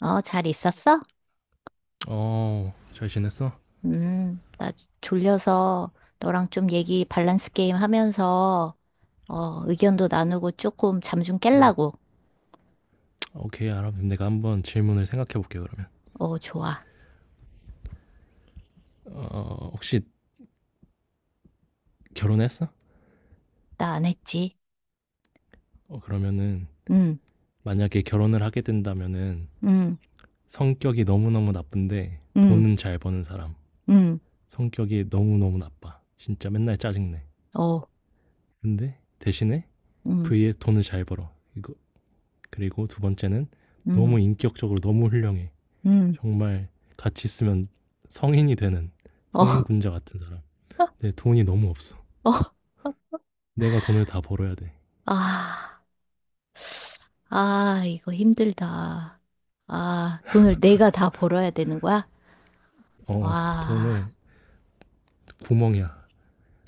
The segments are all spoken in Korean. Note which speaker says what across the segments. Speaker 1: 어, 잘 있었어?
Speaker 2: 어, 잘 지냈어?
Speaker 1: 나 졸려서 너랑 좀 얘기 밸런스 게임 하면서, 어, 의견도 나누고 조금 잠 좀 깰라고.
Speaker 2: 오케이, 알아. 내가 한번 질문을 생각해 볼게, 그러면.
Speaker 1: 어, 좋아.
Speaker 2: 어, 혹시 결혼했어?
Speaker 1: 나 안 했지.
Speaker 2: 어, 그러면은,
Speaker 1: 음,
Speaker 2: 만약에 결혼을 하게 된다면은,
Speaker 1: 음,
Speaker 2: 성격이 너무너무 나쁜데,
Speaker 1: 음,
Speaker 2: 돈은 잘 버는 사람.
Speaker 1: 음,
Speaker 2: 성격이 너무너무 나빠. 진짜 맨날 짜증내.
Speaker 1: 어,
Speaker 2: 근데, 대신에,
Speaker 1: 음,
Speaker 2: vs 돈을 잘 벌어. 이거, 그리고 두 번째는,
Speaker 1: 음,
Speaker 2: 너무 인격적으로 너무 훌륭해.
Speaker 1: 음,
Speaker 2: 정말, 같이 있으면 성인이 되는,
Speaker 1: 어,
Speaker 2: 성인 군자 같은 사람. 근데 돈이 너무 없어.
Speaker 1: 어.
Speaker 2: 내가 돈을 다 벌어야 돼.
Speaker 1: 아, 아, 이거 힘들다. 아, 돈을 내가 다 벌어야 되는 거야?
Speaker 2: 어,
Speaker 1: 와,
Speaker 2: 돈을 구멍이야.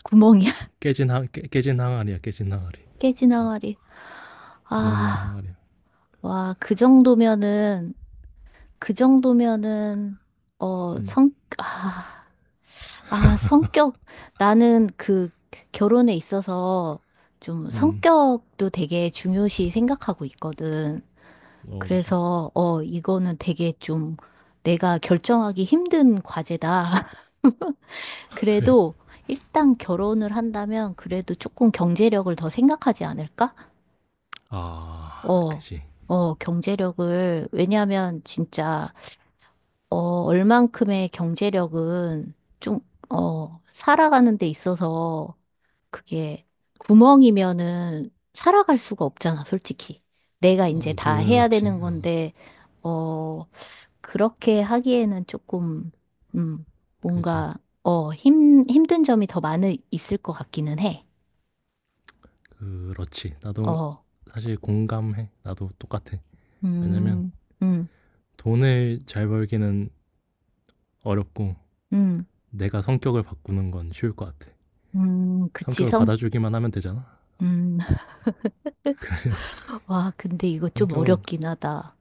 Speaker 1: 구멍이야.
Speaker 2: 깨진 항아리야 깨진 항아리.
Speaker 1: 깨지나가리.
Speaker 2: 먹는
Speaker 1: 아,
Speaker 2: 항아리야.
Speaker 1: 와, 그 정도면은, 그 정도면은 어, 아, 아, 성격. 나는 그 결혼에 있어서 좀
Speaker 2: 어.
Speaker 1: 성격도 되게 중요시 생각하고 있거든.
Speaker 2: 그지.
Speaker 1: 그래서 어, 이거는 되게 좀 내가 결정하기 힘든 과제다.
Speaker 2: 그래.
Speaker 1: 그래도 일단 결혼을 한다면 그래도 조금 경제력을 더 생각하지 않을까?
Speaker 2: 아,
Speaker 1: 어,
Speaker 2: 그지.
Speaker 1: 어, 경제력을, 왜냐하면 진짜 어, 얼만큼의 경제력은 좀, 어, 살아가는 데 있어서 그게 구멍이면은 살아갈 수가 없잖아, 솔직히. 내가 이제
Speaker 2: 어,
Speaker 1: 다 해야
Speaker 2: 그렇지,
Speaker 1: 되는
Speaker 2: 어.
Speaker 1: 건데, 어, 그렇게 하기에는 조금, 음,
Speaker 2: 그지.
Speaker 1: 뭔가, 어, 힘든 점이 더 많이 있을 것 같기는 해.
Speaker 2: 그렇지, 나도
Speaker 1: 어,
Speaker 2: 사실 공감해. 나도 똑같아. 왜냐면
Speaker 1: 음, 음,
Speaker 2: 돈을 잘 벌기는 어렵고,
Speaker 1: 음,
Speaker 2: 내가 성격을 바꾸는 건 쉬울 것 같아.
Speaker 1: 그치,
Speaker 2: 성격을
Speaker 1: 성?
Speaker 2: 받아주기만 하면 되잖아.
Speaker 1: 음, 와, 근데 이거 좀
Speaker 2: 성격은,
Speaker 1: 어렵긴 하다.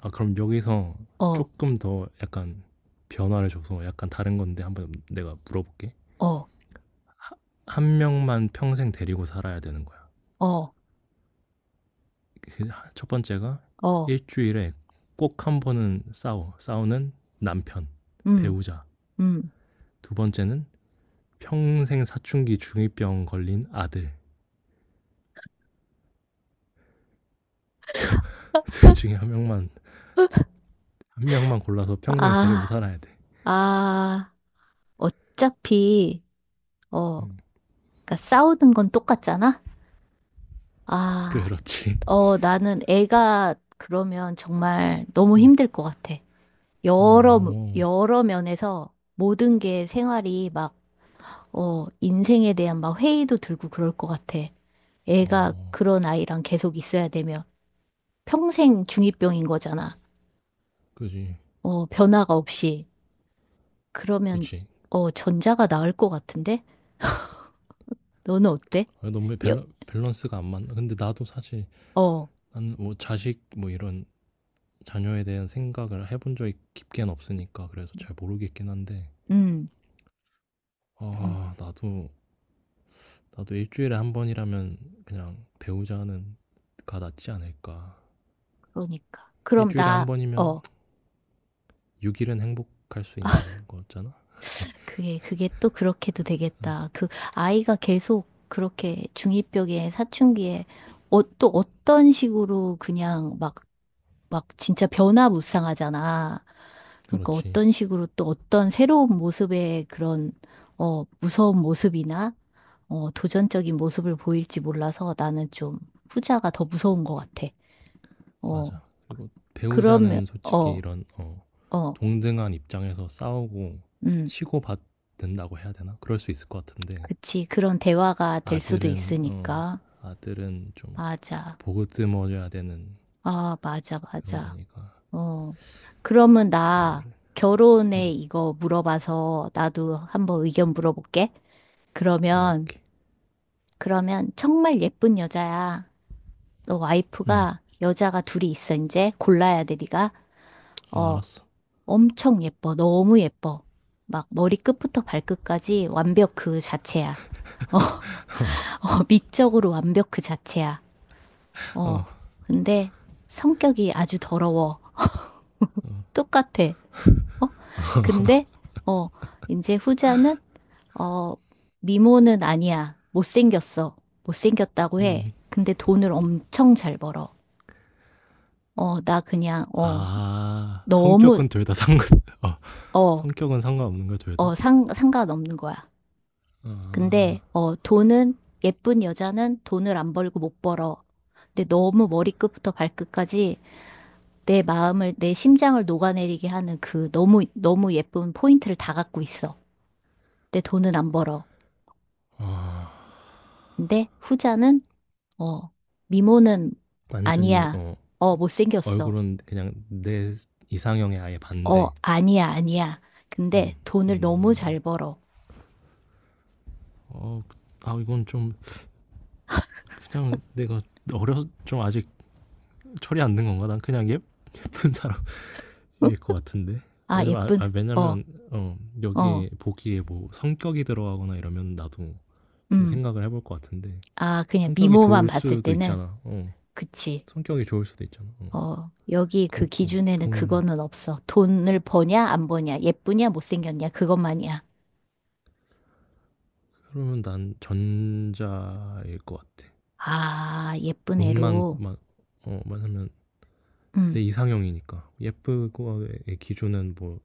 Speaker 2: 아, 그럼 여기서
Speaker 1: 어,
Speaker 2: 조금 더 약간 변화를 줘서 약간 다른 건데 한번 내가 물어볼게.
Speaker 1: 어,
Speaker 2: 한 명만 평생 데리고 살아야 되는 거야.
Speaker 1: 어.
Speaker 2: 그 첫 번째가,
Speaker 1: 어,
Speaker 2: 일주일에 꼭 한 번은 싸워. 싸우는 남편,
Speaker 1: 음,
Speaker 2: 배우자.
Speaker 1: 음.
Speaker 2: 두 번째는 평생 사춘기 중이병 걸린 아들. 둘 중에 한 명만 골라서 평생 데리고
Speaker 1: 아,
Speaker 2: 살아야 돼.
Speaker 1: 아, 어차피, 어,
Speaker 2: 응.
Speaker 1: 그러니까 싸우는 건 똑같잖아? 아,
Speaker 2: 그렇지.
Speaker 1: 어, 나는 애가 그러면 정말 너무
Speaker 2: 응.
Speaker 1: 힘들 것 같아. 여러,
Speaker 2: 어.
Speaker 1: 여러 면에서 모든 게 생활이 막, 어, 인생에 대한 막 회의도 들고 그럴 것 같아. 애가
Speaker 2: 어.
Speaker 1: 그런 아이랑 계속 있어야 되면 평생 중이병인 거잖아.
Speaker 2: 그지.
Speaker 1: 어, 변화가 없이. 그러면,
Speaker 2: 그치.
Speaker 1: 어, 전자가 나을 것 같은데? 너는 어때?
Speaker 2: 아, 너무
Speaker 1: 여,
Speaker 2: 밸런스가 안 맞나. 근데 나도 사실
Speaker 1: 어,
Speaker 2: 난 뭐 자식 뭐 이런 자녀에 대한 생각을 해본 적이 깊게는 없으니까 그래서 잘 모르겠긴 한데,
Speaker 1: 음, 음,
Speaker 2: 아 나도, 나도 일주일에 한 번이라면 그냥 배우자는 가 낫지 않을까.
Speaker 1: 그러니까. 그럼
Speaker 2: 일주일에 한
Speaker 1: 나,
Speaker 2: 번이면
Speaker 1: 어,
Speaker 2: 6일은 행복할 수 있는 거잖아. 그지.
Speaker 1: 그게 또 그렇게도 되겠다. 그 아이가 계속 그렇게 중2병에 사춘기에 어, 또 어떤 식으로 그냥 막, 막 진짜 변화무쌍하잖아. 그러니까
Speaker 2: 그렇지.
Speaker 1: 어떤 식으로 또 어떤 새로운 모습의 그런, 어, 무서운 모습이나, 어, 도전적인 모습을 보일지 몰라서 나는 좀 후자가 더 무서운 것 같아. 어,
Speaker 2: 맞아. 그리고
Speaker 1: 그러면,
Speaker 2: 배우자는 솔직히
Speaker 1: 어,
Speaker 2: 이런, 어,
Speaker 1: 어,
Speaker 2: 동등한 입장에서 싸우고
Speaker 1: 음,
Speaker 2: 치고받는다고 해야 되나, 그럴 수 있을 것 같은데.
Speaker 1: 그치. 그런 대화가 될 수도
Speaker 2: 아들은 어,
Speaker 1: 있으니까.
Speaker 2: 아들은 좀
Speaker 1: 맞아.
Speaker 2: 보듬어줘야 되는
Speaker 1: 아, 맞아,
Speaker 2: 그런
Speaker 1: 맞아.
Speaker 2: 거니까.
Speaker 1: 어. 그러면 나
Speaker 2: 그래.
Speaker 1: 결혼에
Speaker 2: 음.
Speaker 1: 이거 물어봐서 나도 한번 의견 물어볼게.
Speaker 2: 어,
Speaker 1: 그러면,
Speaker 2: 오케이.
Speaker 1: 그러면 정말 예쁜 여자야. 너
Speaker 2: 음.
Speaker 1: 와이프가 여자가 둘이 있어, 이제. 골라야 돼, 네가.
Speaker 2: 어,
Speaker 1: 어,
Speaker 2: 알았어.
Speaker 1: 엄청 예뻐. 너무 예뻐. 막 머리 끝부터 발끝까지 완벽 그 자체야. 어, 미적으로 완벽 그 자체야. 어,
Speaker 2: 어.
Speaker 1: 근데 성격이 아주 더러워. 똑같아. 어? 근데, 어, 이제 후자는, 어, 미모는 아니야. 못생겼어. 못생겼다고 해.
Speaker 2: 음.
Speaker 1: 근데 돈을 엄청 잘 벌어. 어, 나 그냥, 어,
Speaker 2: 아,
Speaker 1: 너무,
Speaker 2: 성격은 둘 다 상관. 어,
Speaker 1: 어,
Speaker 2: 성격은 상관없는 거야 둘 다.
Speaker 1: 어, 상관없는 거야.
Speaker 2: 아,
Speaker 1: 근데, 어, 돈은, 예쁜 여자는 돈을 안 벌고 못 벌어. 근데 너무 머리끝부터 발끝까지 내 마음을, 내 심장을 녹아내리게 하는 그 너무, 너무 예쁜 포인트를 다 갖고 있어. 내 돈은 안 벌어.
Speaker 2: 아,
Speaker 1: 근데 후자는, 어, 미모는
Speaker 2: 완전히
Speaker 1: 아니야.
Speaker 2: 어,
Speaker 1: 어, 못생겼어.
Speaker 2: 얼굴은 그냥 내 이상형에 아예
Speaker 1: 어,
Speaker 2: 반대.
Speaker 1: 아니야, 아니야. 근데
Speaker 2: 음,
Speaker 1: 돈을 너무
Speaker 2: 음.
Speaker 1: 잘 벌어.
Speaker 2: 어, 아, 이건 좀 그냥 내가 어려 좀 아직 철이 안 든 건가? 난 그냥 예쁜 사람
Speaker 1: 응?
Speaker 2: 일 것 같은데.
Speaker 1: 아,
Speaker 2: 왜냐면
Speaker 1: 예쁜, 어,
Speaker 2: 왜냐면 어,
Speaker 1: 어,
Speaker 2: 여기에 보기에 뭐 성격이 들어가거나 이러면 나도 좀
Speaker 1: 음.
Speaker 2: 생각을 해볼 것 같은데.
Speaker 1: 아, 그냥
Speaker 2: 성격이
Speaker 1: 미모만
Speaker 2: 좋을
Speaker 1: 봤을
Speaker 2: 수도
Speaker 1: 때는,
Speaker 2: 있잖아. 어.
Speaker 1: 그치.
Speaker 2: 성격이 좋을 수도 있잖아. 어.
Speaker 1: 어, 여기 그
Speaker 2: 그렇고
Speaker 1: 기준에는
Speaker 2: 돈,
Speaker 1: 그거는 없어. 돈을 버냐, 안 버냐, 예쁘냐, 못생겼냐, 그것만이야.
Speaker 2: 그러면 난 전자일 것 같아.
Speaker 1: 아, 예쁜
Speaker 2: 돈만
Speaker 1: 애로.
Speaker 2: 만, 어, 만하면 내
Speaker 1: 음,
Speaker 2: 이상형이니까. 예쁘고의 기준은 뭐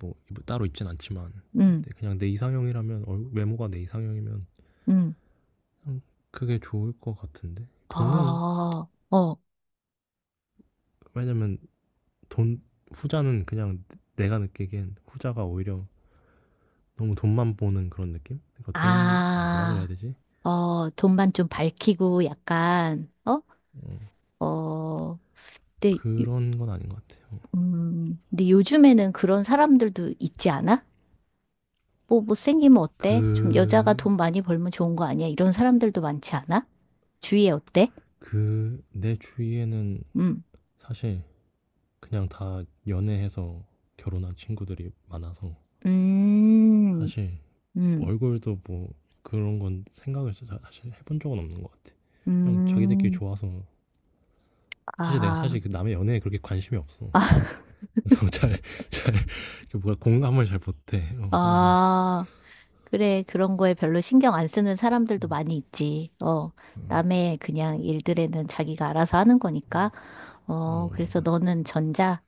Speaker 2: 뭐 따로 있진 않지만,
Speaker 1: 음,
Speaker 2: 근데 그냥 내 이상형이라면 얼- 외모가 내 이상형이면
Speaker 1: 음.
Speaker 2: 음, 그게 좋을 것 같은데. 돈은,
Speaker 1: 어, 어,
Speaker 2: 왜냐면 돈, 후자는 그냥 내가 느끼기엔 후자가 오히려 너무 돈만 보는 그런 느낌. 그러니까 돈, 아, 뭐라 그래야
Speaker 1: 아,
Speaker 2: 되지?
Speaker 1: 어, 돈만 좀 밝히고 약간, 어?
Speaker 2: 어,
Speaker 1: 어, 근데,
Speaker 2: 그런 건 아닌 것 같아요.
Speaker 1: 근데 요즘에는 그런 사람들도 있지 않아? 뭐, 못생기면
Speaker 2: 그
Speaker 1: 어때? 좀 여자가 돈 많이 벌면 좋은 거 아니야? 이런 사람들도 많지 않아? 주위에 어때?
Speaker 2: 그 내 주위에는
Speaker 1: 음,
Speaker 2: 사실 그냥 다 연애해서 결혼한 친구들이 많아서
Speaker 1: 음,
Speaker 2: 사실
Speaker 1: 음,
Speaker 2: 얼굴도 뭐 그런 건 생각을 진 사실 해본 적은 없는 것 같아. 그냥 자기들끼리
Speaker 1: 음.
Speaker 2: 좋아서, 사실 내가
Speaker 1: 아,
Speaker 2: 사실 그 남의 연애에 그렇게 관심이 없어. 그래서 잘, 이렇게 뭐가 공감을 잘 못해. 어, 그래서.
Speaker 1: 아, 그래, 그런 거에 별로 신경 안 쓰는 사람들도
Speaker 2: 음,
Speaker 1: 많이 있지. 어,
Speaker 2: 어,
Speaker 1: 남의 그냥 일들에는 자기가 알아서 하는 거니까. 어,
Speaker 2: 어,
Speaker 1: 그래서
Speaker 2: 맞아.
Speaker 1: 너는 전자?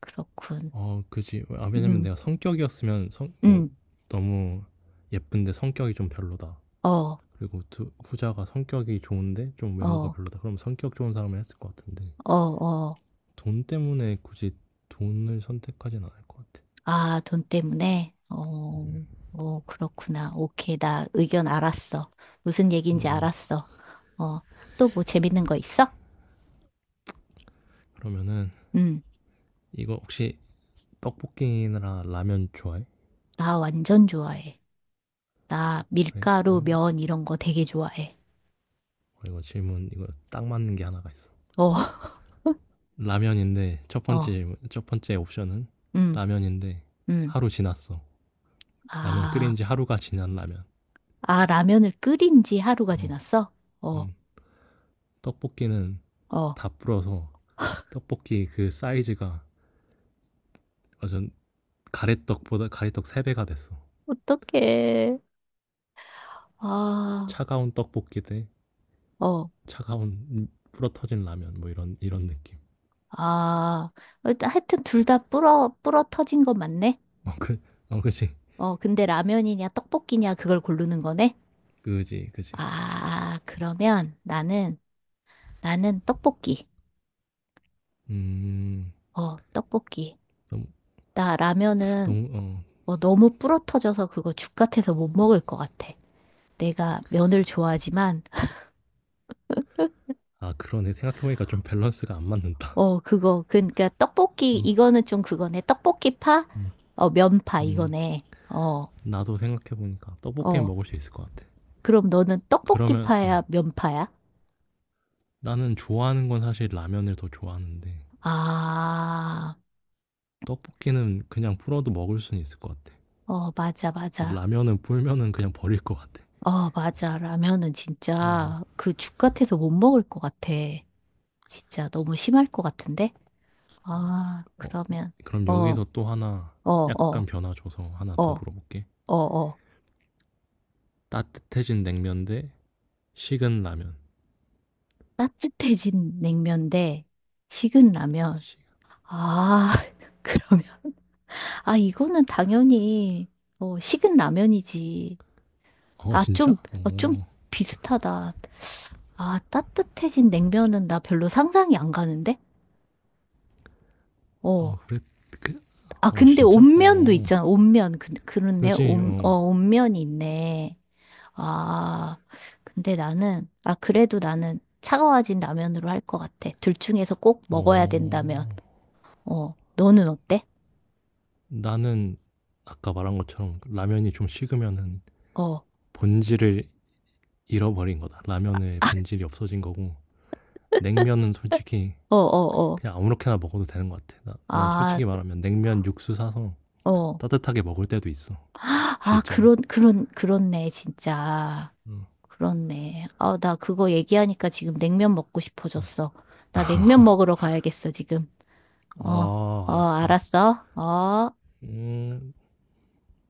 Speaker 1: 그렇군.
Speaker 2: 어, 그지. 아, 왜냐면
Speaker 1: 음,
Speaker 2: 내가 성격이었으면, 성, 뭐,
Speaker 1: 음,
Speaker 2: 너무 예쁜데 성격이 좀 별로다,
Speaker 1: 어, 어,
Speaker 2: 그리고 두, 후자가 성격이 좋은데 좀 외모가 별로다, 그럼 성격 좋은 사람을 했을 것 같은데.
Speaker 1: 어, 어.
Speaker 2: 돈 때문에 굳이 돈을 선택하진 않을 것 같아.
Speaker 1: 아, 돈 때문에? 어, 어, 그렇구나. 오케이, 나 의견 알았어. 무슨 얘기인지
Speaker 2: 어,
Speaker 1: 알았어. 어, 또 뭐 재밌는 거 있어?
Speaker 2: 그러면은,
Speaker 1: 음,
Speaker 2: 이거 혹시 떡볶이나 라면 좋아해?
Speaker 1: 나 완전 좋아해. 나
Speaker 2: 그래?
Speaker 1: 밀가루, 면 이런 거 되게 좋아해.
Speaker 2: 어, 이거 질문 이거 딱 맞는 게 하나가 있어.
Speaker 1: 어,
Speaker 2: 라면인데 첫 번째
Speaker 1: 어.
Speaker 2: 질문- 첫 번째 옵션은
Speaker 1: 음.
Speaker 2: 라면인데
Speaker 1: 음.
Speaker 2: 하루 지났어. 라면
Speaker 1: 아,
Speaker 2: 끓인 지 하루가 지난 라면.
Speaker 1: 아, 라면을 끓인 지 하루가
Speaker 2: 어,
Speaker 1: 지났어? 어,
Speaker 2: 음. 떡볶이는
Speaker 1: 어.
Speaker 2: 다 불어서 떡볶이 그 사이즈가 완전 가래떡보다 가래떡 3배가 됐어.
Speaker 1: 어떡해. 아,
Speaker 2: 차가운 떡볶이 대
Speaker 1: 어,
Speaker 2: 차가운 불어 터진 라면, 뭐 이런 이런 느낌.
Speaker 1: 아. 일단 하여튼 둘 다 불어 터진 건 맞네?
Speaker 2: 어, 그, 어, 그지,
Speaker 1: 어, 근데 라면이냐, 떡볶이냐, 그걸 고르는 거네?
Speaker 2: 그지, 그지.
Speaker 1: 아, 그러면 나는, 나는 떡볶이.
Speaker 2: 음,
Speaker 1: 어, 떡볶이.
Speaker 2: 너무,
Speaker 1: 나 라면은
Speaker 2: 너무, 어,
Speaker 1: 뭐 너무 불어 터져서 그거 죽 같아서 못 먹을 것 같아. 내가 면을 좋아하지만,
Speaker 2: 아 그러네, 생각해보니까 좀 밸런스가 안 맞는다.
Speaker 1: 어, 그거. 그러니까 떡볶이 이거는 좀 그거네. 떡볶이 파?
Speaker 2: 음,
Speaker 1: 어, 면파
Speaker 2: 음,
Speaker 1: 이거네. 어.
Speaker 2: 나도 생각해보니까 떡볶이
Speaker 1: 어.
Speaker 2: 먹을 수 있을 것 같아.
Speaker 1: 그럼 너는 떡볶이
Speaker 2: 그러면,
Speaker 1: 파야,
Speaker 2: 어,
Speaker 1: 면파야?
Speaker 2: 나는 좋아하는 건 사실 라면을 더 좋아하는데,
Speaker 1: 아.
Speaker 2: 떡볶이는 그냥 풀어도 먹을 수는 있을 것 같아.
Speaker 1: 어, 맞아,
Speaker 2: 근데
Speaker 1: 맞아.
Speaker 2: 라면은 불면은 그냥 버릴 것 같아.
Speaker 1: 어, 맞아. 라면은
Speaker 2: 어,
Speaker 1: 진짜 그 죽 같아서 못 먹을 것 같아. 진짜 너무 심할 것 같은데? 아,
Speaker 2: 어,
Speaker 1: 그러면
Speaker 2: 그럼
Speaker 1: 어, 어,
Speaker 2: 여기서 또 하나, 약간
Speaker 1: 어,
Speaker 2: 변화 줘서 하나
Speaker 1: 어,
Speaker 2: 더 물어볼게.
Speaker 1: 어, 어.
Speaker 2: 따뜻해진 냉면 대 식은 라면.
Speaker 1: 따뜻해진 냉면 대 식은 라면.
Speaker 2: 식-,
Speaker 1: 아, 그러면 아, 이거는 당연히, 어, 식은 라면이지.
Speaker 2: 어,
Speaker 1: 아,
Speaker 2: 진짜?
Speaker 1: 좀, 어, 좀
Speaker 2: 어,
Speaker 1: 비슷하다. 아, 따뜻해진 냉면은 나 별로 상상이 안 가는데? 어.
Speaker 2: 어, 그래, 그,
Speaker 1: 아,
Speaker 2: 어,
Speaker 1: 근데
Speaker 2: 진짜?
Speaker 1: 온면도
Speaker 2: 어,
Speaker 1: 있잖아. 온면. 그렇네.
Speaker 2: 그지,
Speaker 1: 온, 어,
Speaker 2: 어,
Speaker 1: 온면이 있네. 아, 근데 나는, 아, 그래도 나는 차가워진 라면으로 할 것 같아. 둘 중에서 꼭 먹어야 된다면.
Speaker 2: 어.
Speaker 1: 어, 너는 어때?
Speaker 2: 나는 아까 말한 것처럼 라면이 좀 식으면은
Speaker 1: 어, 어,
Speaker 2: 본질을 잃어버린 거다. 라면의 본질이 없어진 거고 냉면은 솔직히
Speaker 1: 어, 어.
Speaker 2: 그냥 아무렇게나 먹어도 되는 것 같아. 나, 난
Speaker 1: 아,
Speaker 2: 솔직히 말하면 냉면 육수 사서
Speaker 1: 어.
Speaker 2: 따뜻하게 먹을 때도 있어.
Speaker 1: 아,
Speaker 2: 실제로.
Speaker 1: 그렇네, 진짜.
Speaker 2: 응.
Speaker 1: 그렇네. 아, 나 그거 얘기하니까 지금 냉면 먹고 싶어졌어. 나 냉면 먹으러 가야겠어, 지금. 어,
Speaker 2: 아,
Speaker 1: 어,
Speaker 2: 알았어.
Speaker 1: 알았어. 어.
Speaker 2: 음,